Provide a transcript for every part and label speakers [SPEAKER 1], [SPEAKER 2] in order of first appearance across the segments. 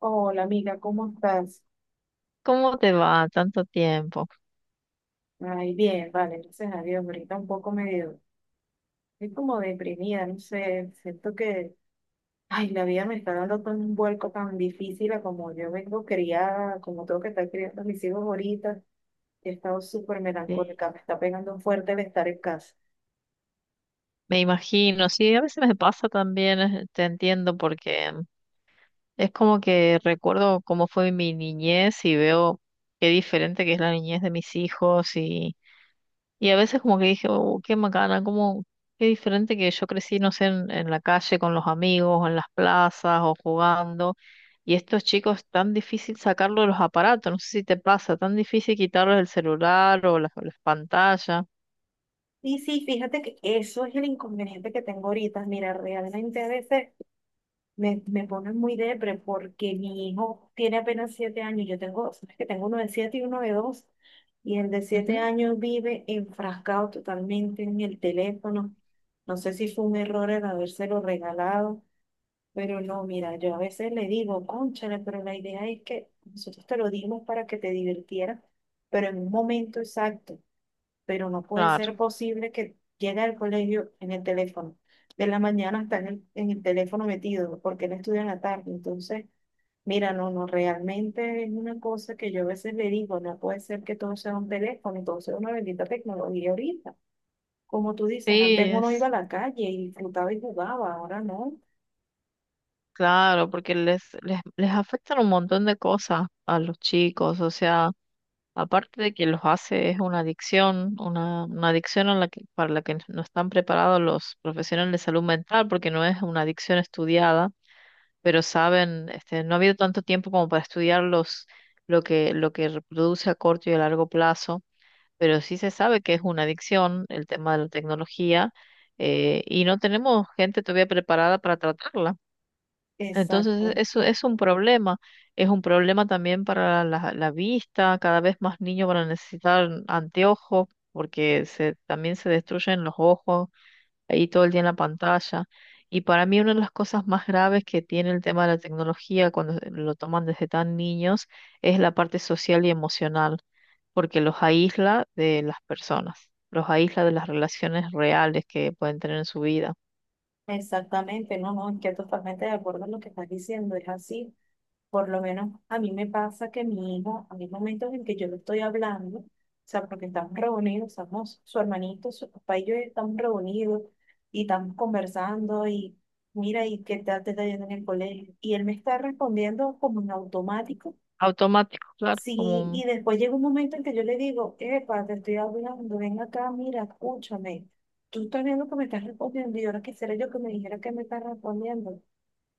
[SPEAKER 1] Hola amiga, ¿cómo estás?
[SPEAKER 2] ¿Cómo te va? Tanto tiempo.
[SPEAKER 1] Ay, bien, vale, gracias a Dios. Ahorita un poco medio, estoy como deprimida, no sé, siento que, ay, la vida me está dando tan un vuelco tan difícil a como yo vengo criada, como tengo que estar criando a mis hijos ahorita. He estado súper
[SPEAKER 2] Sí.
[SPEAKER 1] melancólica, me está pegando fuerte el estar en casa.
[SPEAKER 2] Me imagino, sí, a veces me pasa también, te entiendo, porque es como que recuerdo cómo fue mi niñez y veo qué diferente que es la niñez de mis hijos y a veces como que dije, oh, qué macana, cómo, qué diferente que yo crecí, no sé, en la calle con los amigos, o en las plazas o jugando. Y estos chicos, tan difícil sacarlo de los aparatos, no sé si te pasa, tan difícil quitarlos el celular o las pantallas.
[SPEAKER 1] Y sí, fíjate que eso es el inconveniente que tengo ahorita. Mira, realmente a veces me pone muy depre porque mi hijo tiene apenas siete años. Yo tengo, sabes que tengo uno de siete y uno de dos. Y el de siete años vive enfrascado totalmente en el teléfono. No sé si fue un error el habérselo regalado, pero no, mira, yo a veces le digo, cónchale, pero la idea es que nosotros te lo dimos para que te divirtieras, pero en un momento exacto, pero no puede
[SPEAKER 2] Claro,
[SPEAKER 1] ser posible que llegue al colegio en el teléfono. De la mañana está en el teléfono metido, porque él estudia en la tarde. Entonces, mira, no, no, realmente es una cosa que yo a veces le digo, no puede ser que todo sea un teléfono, todo sea una bendita tecnología ahorita. Como tú dices,
[SPEAKER 2] sí,
[SPEAKER 1] antes uno iba a
[SPEAKER 2] es
[SPEAKER 1] la calle y disfrutaba y jugaba, ahora no.
[SPEAKER 2] claro, porque les afectan un montón de cosas a los chicos, o sea, aparte de que los hace es una adicción, una adicción a la que, para la que no están preparados los profesionales de salud mental, porque no es una adicción estudiada, pero saben, este, no ha habido tanto tiempo como para estudiar los, lo que reproduce a corto y a largo plazo, pero sí se sabe que es una adicción el tema de la tecnología, y no tenemos gente todavía preparada para tratarla. Entonces,
[SPEAKER 1] Exacto,
[SPEAKER 2] eso es un problema. Es un problema también para la vista. Cada vez más niños van a necesitar anteojos porque se, también se destruyen los ojos ahí todo el día en la pantalla. Y para mí una de las cosas más graves que tiene el tema de la tecnología cuando lo toman desde tan niños es la parte social y emocional, porque los aísla de las personas, los aísla de las relaciones reales que pueden tener en su vida.
[SPEAKER 1] exactamente, no, no, estoy totalmente de acuerdo en lo que estás diciendo, es así. Por lo menos a mí me pasa que mi hijo, hay momentos en que yo le estoy hablando, o sea, porque estamos reunidos, estamos, su hermanito, su papá y yo estamos reunidos y estamos conversando y mira, ¿y qué tal te está yendo en el colegio? Y él me está respondiendo como en automático.
[SPEAKER 2] Automático, claro, como
[SPEAKER 1] Sí, y
[SPEAKER 2] un...
[SPEAKER 1] después llega un momento en que yo le digo, epa, te estoy hablando, ven acá, mira, escúchame. Tú estás viendo que me estás respondiendo y ahora quisiera yo que me dijera que me estás respondiendo.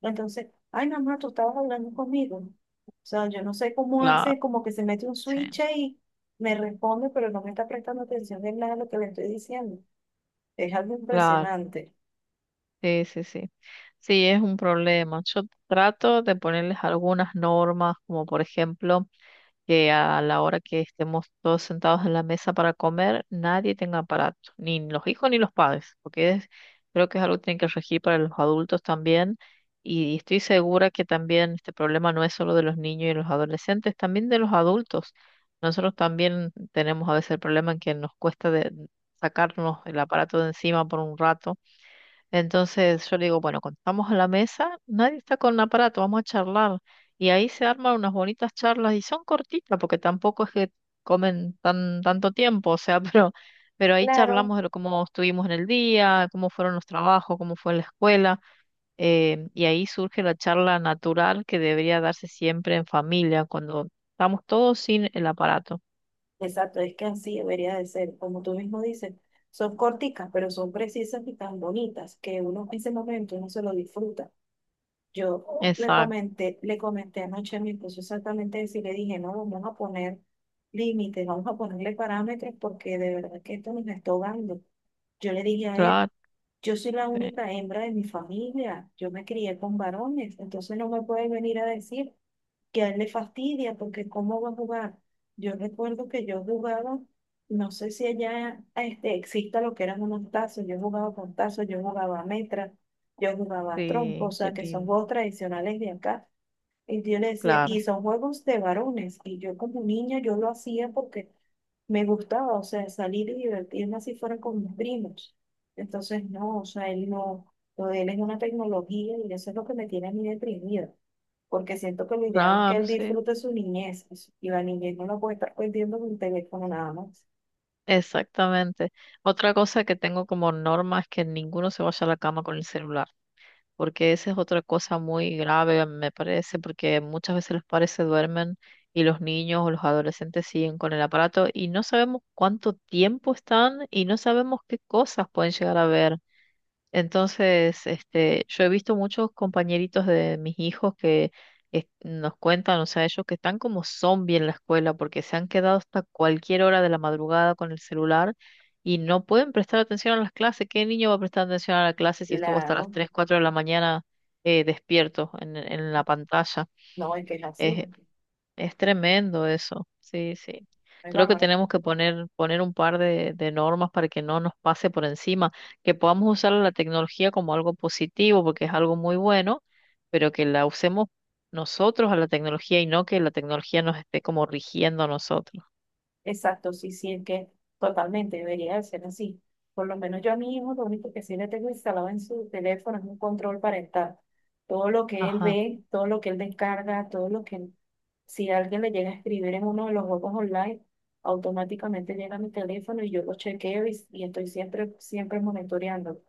[SPEAKER 1] Entonces, ay, mamá, tú estabas hablando conmigo. O sea, yo no sé cómo
[SPEAKER 2] Claro,
[SPEAKER 1] hace, como que se mete un
[SPEAKER 2] sí.
[SPEAKER 1] switch y me responde, pero no me está prestando atención de nada a lo que le estoy diciendo. Es algo
[SPEAKER 2] Claro.
[SPEAKER 1] impresionante.
[SPEAKER 2] Sí, sí, sí. Sí, es un problema. Yo trato de ponerles algunas normas, como por ejemplo, que a la hora que estemos todos sentados en la mesa para comer, nadie tenga aparato, ni los hijos ni los padres, porque creo que es algo que tienen que regir para los adultos también. Y estoy segura que también este problema no es solo de los niños y los adolescentes, también de los adultos. Nosotros también tenemos a veces el problema en que nos cuesta sacarnos el aparato de encima por un rato. Entonces yo le digo, bueno, cuando estamos a la mesa, nadie está con aparato, vamos a charlar. Y ahí se arman unas bonitas charlas y son cortitas porque tampoco es que comen tanto tiempo, o sea, pero ahí
[SPEAKER 1] Claro,
[SPEAKER 2] charlamos cómo estuvimos en el día, cómo fueron los trabajos, cómo fue la escuela. Y ahí surge la charla natural que debería darse siempre en familia, cuando estamos todos sin el aparato.
[SPEAKER 1] exacto, es que así debería de ser, como tú mismo dices. Son corticas, pero son precisas y tan bonitas que uno en ese momento uno se lo disfruta. Yo
[SPEAKER 2] Exacto,
[SPEAKER 1] le comenté anoche a mi esposo exactamente eso y le dije, no, vamos a poner límites, vamos a ponerle parámetros porque de verdad que esto nos está ahogando. Yo le dije a él,
[SPEAKER 2] claro,
[SPEAKER 1] yo soy la
[SPEAKER 2] sí,
[SPEAKER 1] única hembra de mi familia, yo me crié con varones, entonces no me puedes venir a decir que a él le fastidia porque cómo va a jugar. Yo recuerdo que yo jugaba, no sé si allá este, exista lo que eran unos tazos, yo jugaba con tazos, yo jugaba a metra, yo jugaba a trompo, o
[SPEAKER 2] sí, qué
[SPEAKER 1] sea, que son
[SPEAKER 2] lindo,
[SPEAKER 1] juegos tradicionales de acá. Y yo le decía, y
[SPEAKER 2] claro,
[SPEAKER 1] son juegos de varones. Y yo como niña, yo lo hacía porque me gustaba, o sea, salir y divertirme así fuera con mis primos. Entonces, no, o sea, él no, lo de él es una tecnología y eso es lo que me tiene a mí deprimida. Porque siento que lo ideal es que
[SPEAKER 2] claro,
[SPEAKER 1] él
[SPEAKER 2] sí.
[SPEAKER 1] disfrute su niñez y su- y la niñez no la puede estar perdiendo con un teléfono nada más.
[SPEAKER 2] Exactamente. Otra cosa que tengo como norma es que ninguno se vaya a la cama con el celular, porque esa es otra cosa muy grave, me parece, porque muchas veces los padres se duermen y los niños o los adolescentes siguen con el aparato y no sabemos cuánto tiempo están y no sabemos qué cosas pueden llegar a ver. Entonces, este, yo he visto muchos compañeritos de mis hijos que nos cuentan, o sea, ellos que están como zombies en la escuela porque se han quedado hasta cualquier hora de la madrugada con el celular y no pueden prestar atención a las clases. ¿Qué niño va a prestar atención a la clase si estuvo hasta las
[SPEAKER 1] Claro,
[SPEAKER 2] 3, 4 de la mañana despierto en la pantalla?
[SPEAKER 1] no, es que es así.
[SPEAKER 2] Es tremendo eso, sí, sí.
[SPEAKER 1] Es
[SPEAKER 2] Creo que
[SPEAKER 1] bárbaro.
[SPEAKER 2] tenemos que poner un par de normas para que no nos pase por encima, que podamos usar la tecnología como algo positivo, porque es algo muy bueno, pero que la usemos nosotros a la tecnología y no que la tecnología nos esté como rigiendo a nosotros.
[SPEAKER 1] Exacto, sí, sí, es que totalmente debería de ser así. Por lo menos yo a mi hijo lo único que sí le tengo instalado en su teléfono es un control parental. Todo lo que él
[SPEAKER 2] Ajá,
[SPEAKER 1] ve, todo lo que él descarga, todo lo que él- si alguien le llega a escribir en uno de los juegos online, automáticamente llega a mi teléfono y yo lo chequeo y estoy siempre, siempre monitoreando.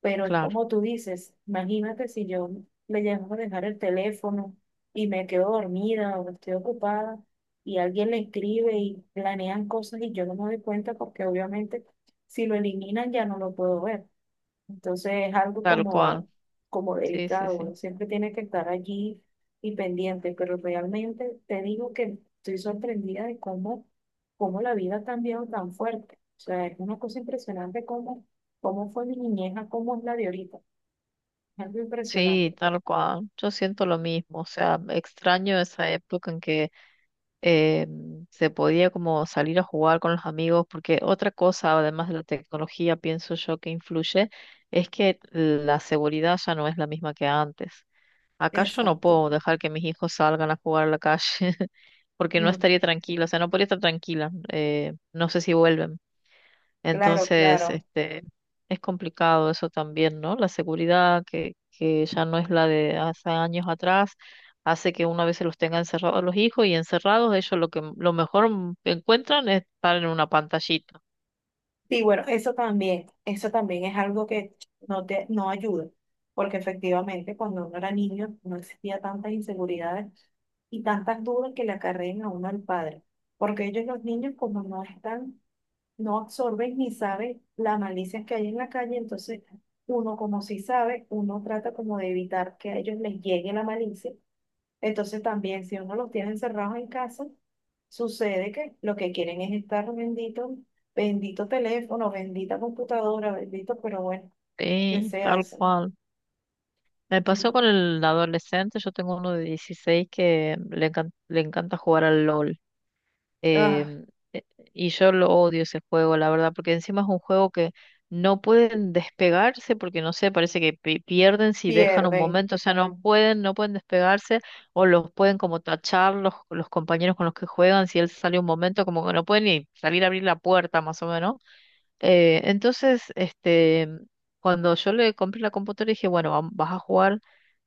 [SPEAKER 1] Pero es
[SPEAKER 2] claro,
[SPEAKER 1] como tú dices, imagínate si yo le llego a dejar el teléfono y me quedo dormida o estoy ocupada y alguien le escribe y planean cosas y yo no me doy cuenta porque obviamente si lo eliminan ya no lo puedo ver. Entonces es algo
[SPEAKER 2] tal cual.
[SPEAKER 1] como, como
[SPEAKER 2] Sí, sí,
[SPEAKER 1] delicado,
[SPEAKER 2] sí.
[SPEAKER 1] uno siempre tiene que estar allí y pendiente, pero realmente te digo que estoy sorprendida de cómo, cómo la vida ha cambiado tan fuerte. O sea, es una cosa impresionante cómo, cómo fue mi niñez a cómo es la de ahorita. Es algo
[SPEAKER 2] Sí,
[SPEAKER 1] impresionante.
[SPEAKER 2] tal cual. Yo siento lo mismo, o sea, extraño esa época en que eh, se podía como salir a jugar con los amigos, porque otra cosa, además de la tecnología, pienso yo que influye, es que la seguridad ya no es la misma que antes. Acá yo no
[SPEAKER 1] Exacto.
[SPEAKER 2] puedo dejar que mis hijos salgan a jugar a la calle porque no
[SPEAKER 1] Mm.
[SPEAKER 2] estaría tranquila, o sea, no podría estar tranquila. No sé si vuelven.
[SPEAKER 1] Claro,
[SPEAKER 2] Entonces,
[SPEAKER 1] claro.
[SPEAKER 2] este, es complicado eso también, ¿no? La seguridad que ya no es la de hace años atrás, hace que una vez se los tenga encerrados a los hijos y encerrados, ellos lo que lo mejor encuentran es estar en una pantallita.
[SPEAKER 1] Sí, bueno, eso también es algo que no te, no ayuda, porque efectivamente cuando uno era niño no existía tantas inseguridades y tantas dudas que le acarreen a uno al padre, porque ellos los niños como no están, no absorben ni saben las malicias que hay en la calle, entonces uno como sí sabe, uno trata como de evitar que a ellos les llegue la malicia, entonces también si uno los tiene encerrados en casa, sucede que lo que quieren es estar bendito, bendito teléfono, bendita computadora, bendito, pero bueno, ¿qué
[SPEAKER 2] Sí,
[SPEAKER 1] se
[SPEAKER 2] tal
[SPEAKER 1] hace?
[SPEAKER 2] cual. Me pasó
[SPEAKER 1] Sí.
[SPEAKER 2] con el adolescente, yo tengo uno de 16 que le encanta jugar al LOL.
[SPEAKER 1] Ah,
[SPEAKER 2] Em, e- y yo lo odio ese juego, la verdad, porque encima es un juego que no pueden despegarse porque no sé, parece que pierden si dejan un
[SPEAKER 1] pierden.
[SPEAKER 2] momento, o sea, no pueden, no pueden despegarse o los pueden como tachar los compañeros con los que juegan si él sale un momento, como que no pueden ni salir a abrir la puerta más o menos. Entonces, este, cuando yo le compré la computadora dije, bueno, vas a jugar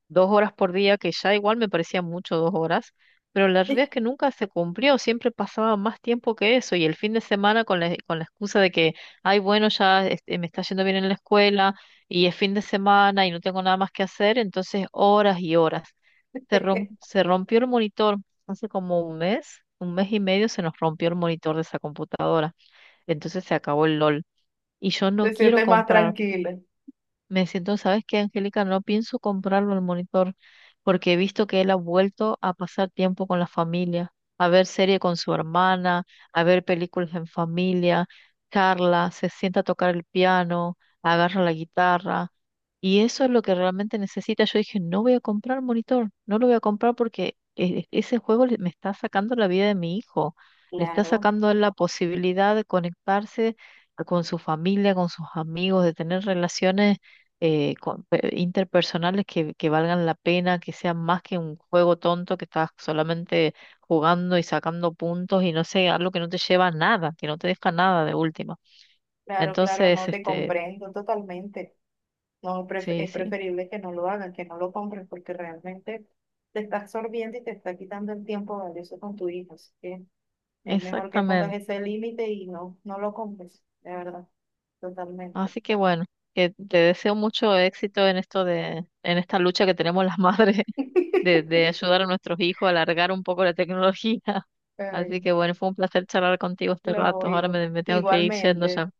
[SPEAKER 2] 2 horas por día, que ya igual me parecía mucho 2 horas, pero la realidad es que nunca se cumplió, siempre pasaba más tiempo que eso y el fin de semana con con la excusa de que, ay, bueno, ya este, me está yendo bien en la escuela y es fin de semana y no tengo nada más que hacer, entonces horas y horas. Se rompió el monitor hace como un mes y medio se nos rompió el monitor de esa computadora, entonces se acabó el LOL. Y yo
[SPEAKER 1] Te
[SPEAKER 2] no quiero
[SPEAKER 1] sientes más
[SPEAKER 2] comprar.
[SPEAKER 1] tranquila.
[SPEAKER 2] Me siento, ¿sabes qué, Angélica? No pienso comprarlo el monitor porque he visto que él ha vuelto a pasar tiempo con la familia, a ver serie con su hermana, a ver películas en familia, charla, se sienta a tocar el piano, agarra la guitarra y eso es lo que realmente necesita. Yo dije, no voy a comprar monitor, no lo voy a comprar porque ese juego me está sacando la vida de mi hijo, le está
[SPEAKER 1] Claro.
[SPEAKER 2] sacando a él la posibilidad de conectarse con su familia, con sus amigos, de tener relaciones interpersonales que valgan la pena, que sean más que un juego tonto que estás solamente jugando y sacando puntos y no sé, algo que no te lleva a nada, que no te deja nada de última.
[SPEAKER 1] Claro, claro,
[SPEAKER 2] Entonces,
[SPEAKER 1] no te
[SPEAKER 2] este,
[SPEAKER 1] comprendo totalmente. No, pref-
[SPEAKER 2] sí,
[SPEAKER 1] es
[SPEAKER 2] sí,
[SPEAKER 1] preferible que no lo hagan, que no lo compren, porque realmente te está absorbiendo y te está quitando el tiempo valioso con tu hijo. Así que es mejor que pongas
[SPEAKER 2] exactamente.
[SPEAKER 1] ese límite y no, no lo compres, de verdad, totalmente.
[SPEAKER 2] Así que bueno, que te deseo mucho éxito en esto en esta lucha que tenemos las madres de ayudar a nuestros hijos a alargar un poco la tecnología.
[SPEAKER 1] Ay,
[SPEAKER 2] Así que bueno, fue un placer charlar contigo este
[SPEAKER 1] no,
[SPEAKER 2] rato. Ahora
[SPEAKER 1] hijo.
[SPEAKER 2] me tengo que ir yendo
[SPEAKER 1] Igualmente,
[SPEAKER 2] ya.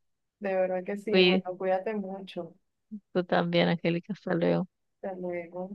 [SPEAKER 1] de verdad que sí.
[SPEAKER 2] Cuí-
[SPEAKER 1] Bueno, cuídate mucho.
[SPEAKER 2] Tú también, Angélica. Hasta luego.
[SPEAKER 1] Hasta luego.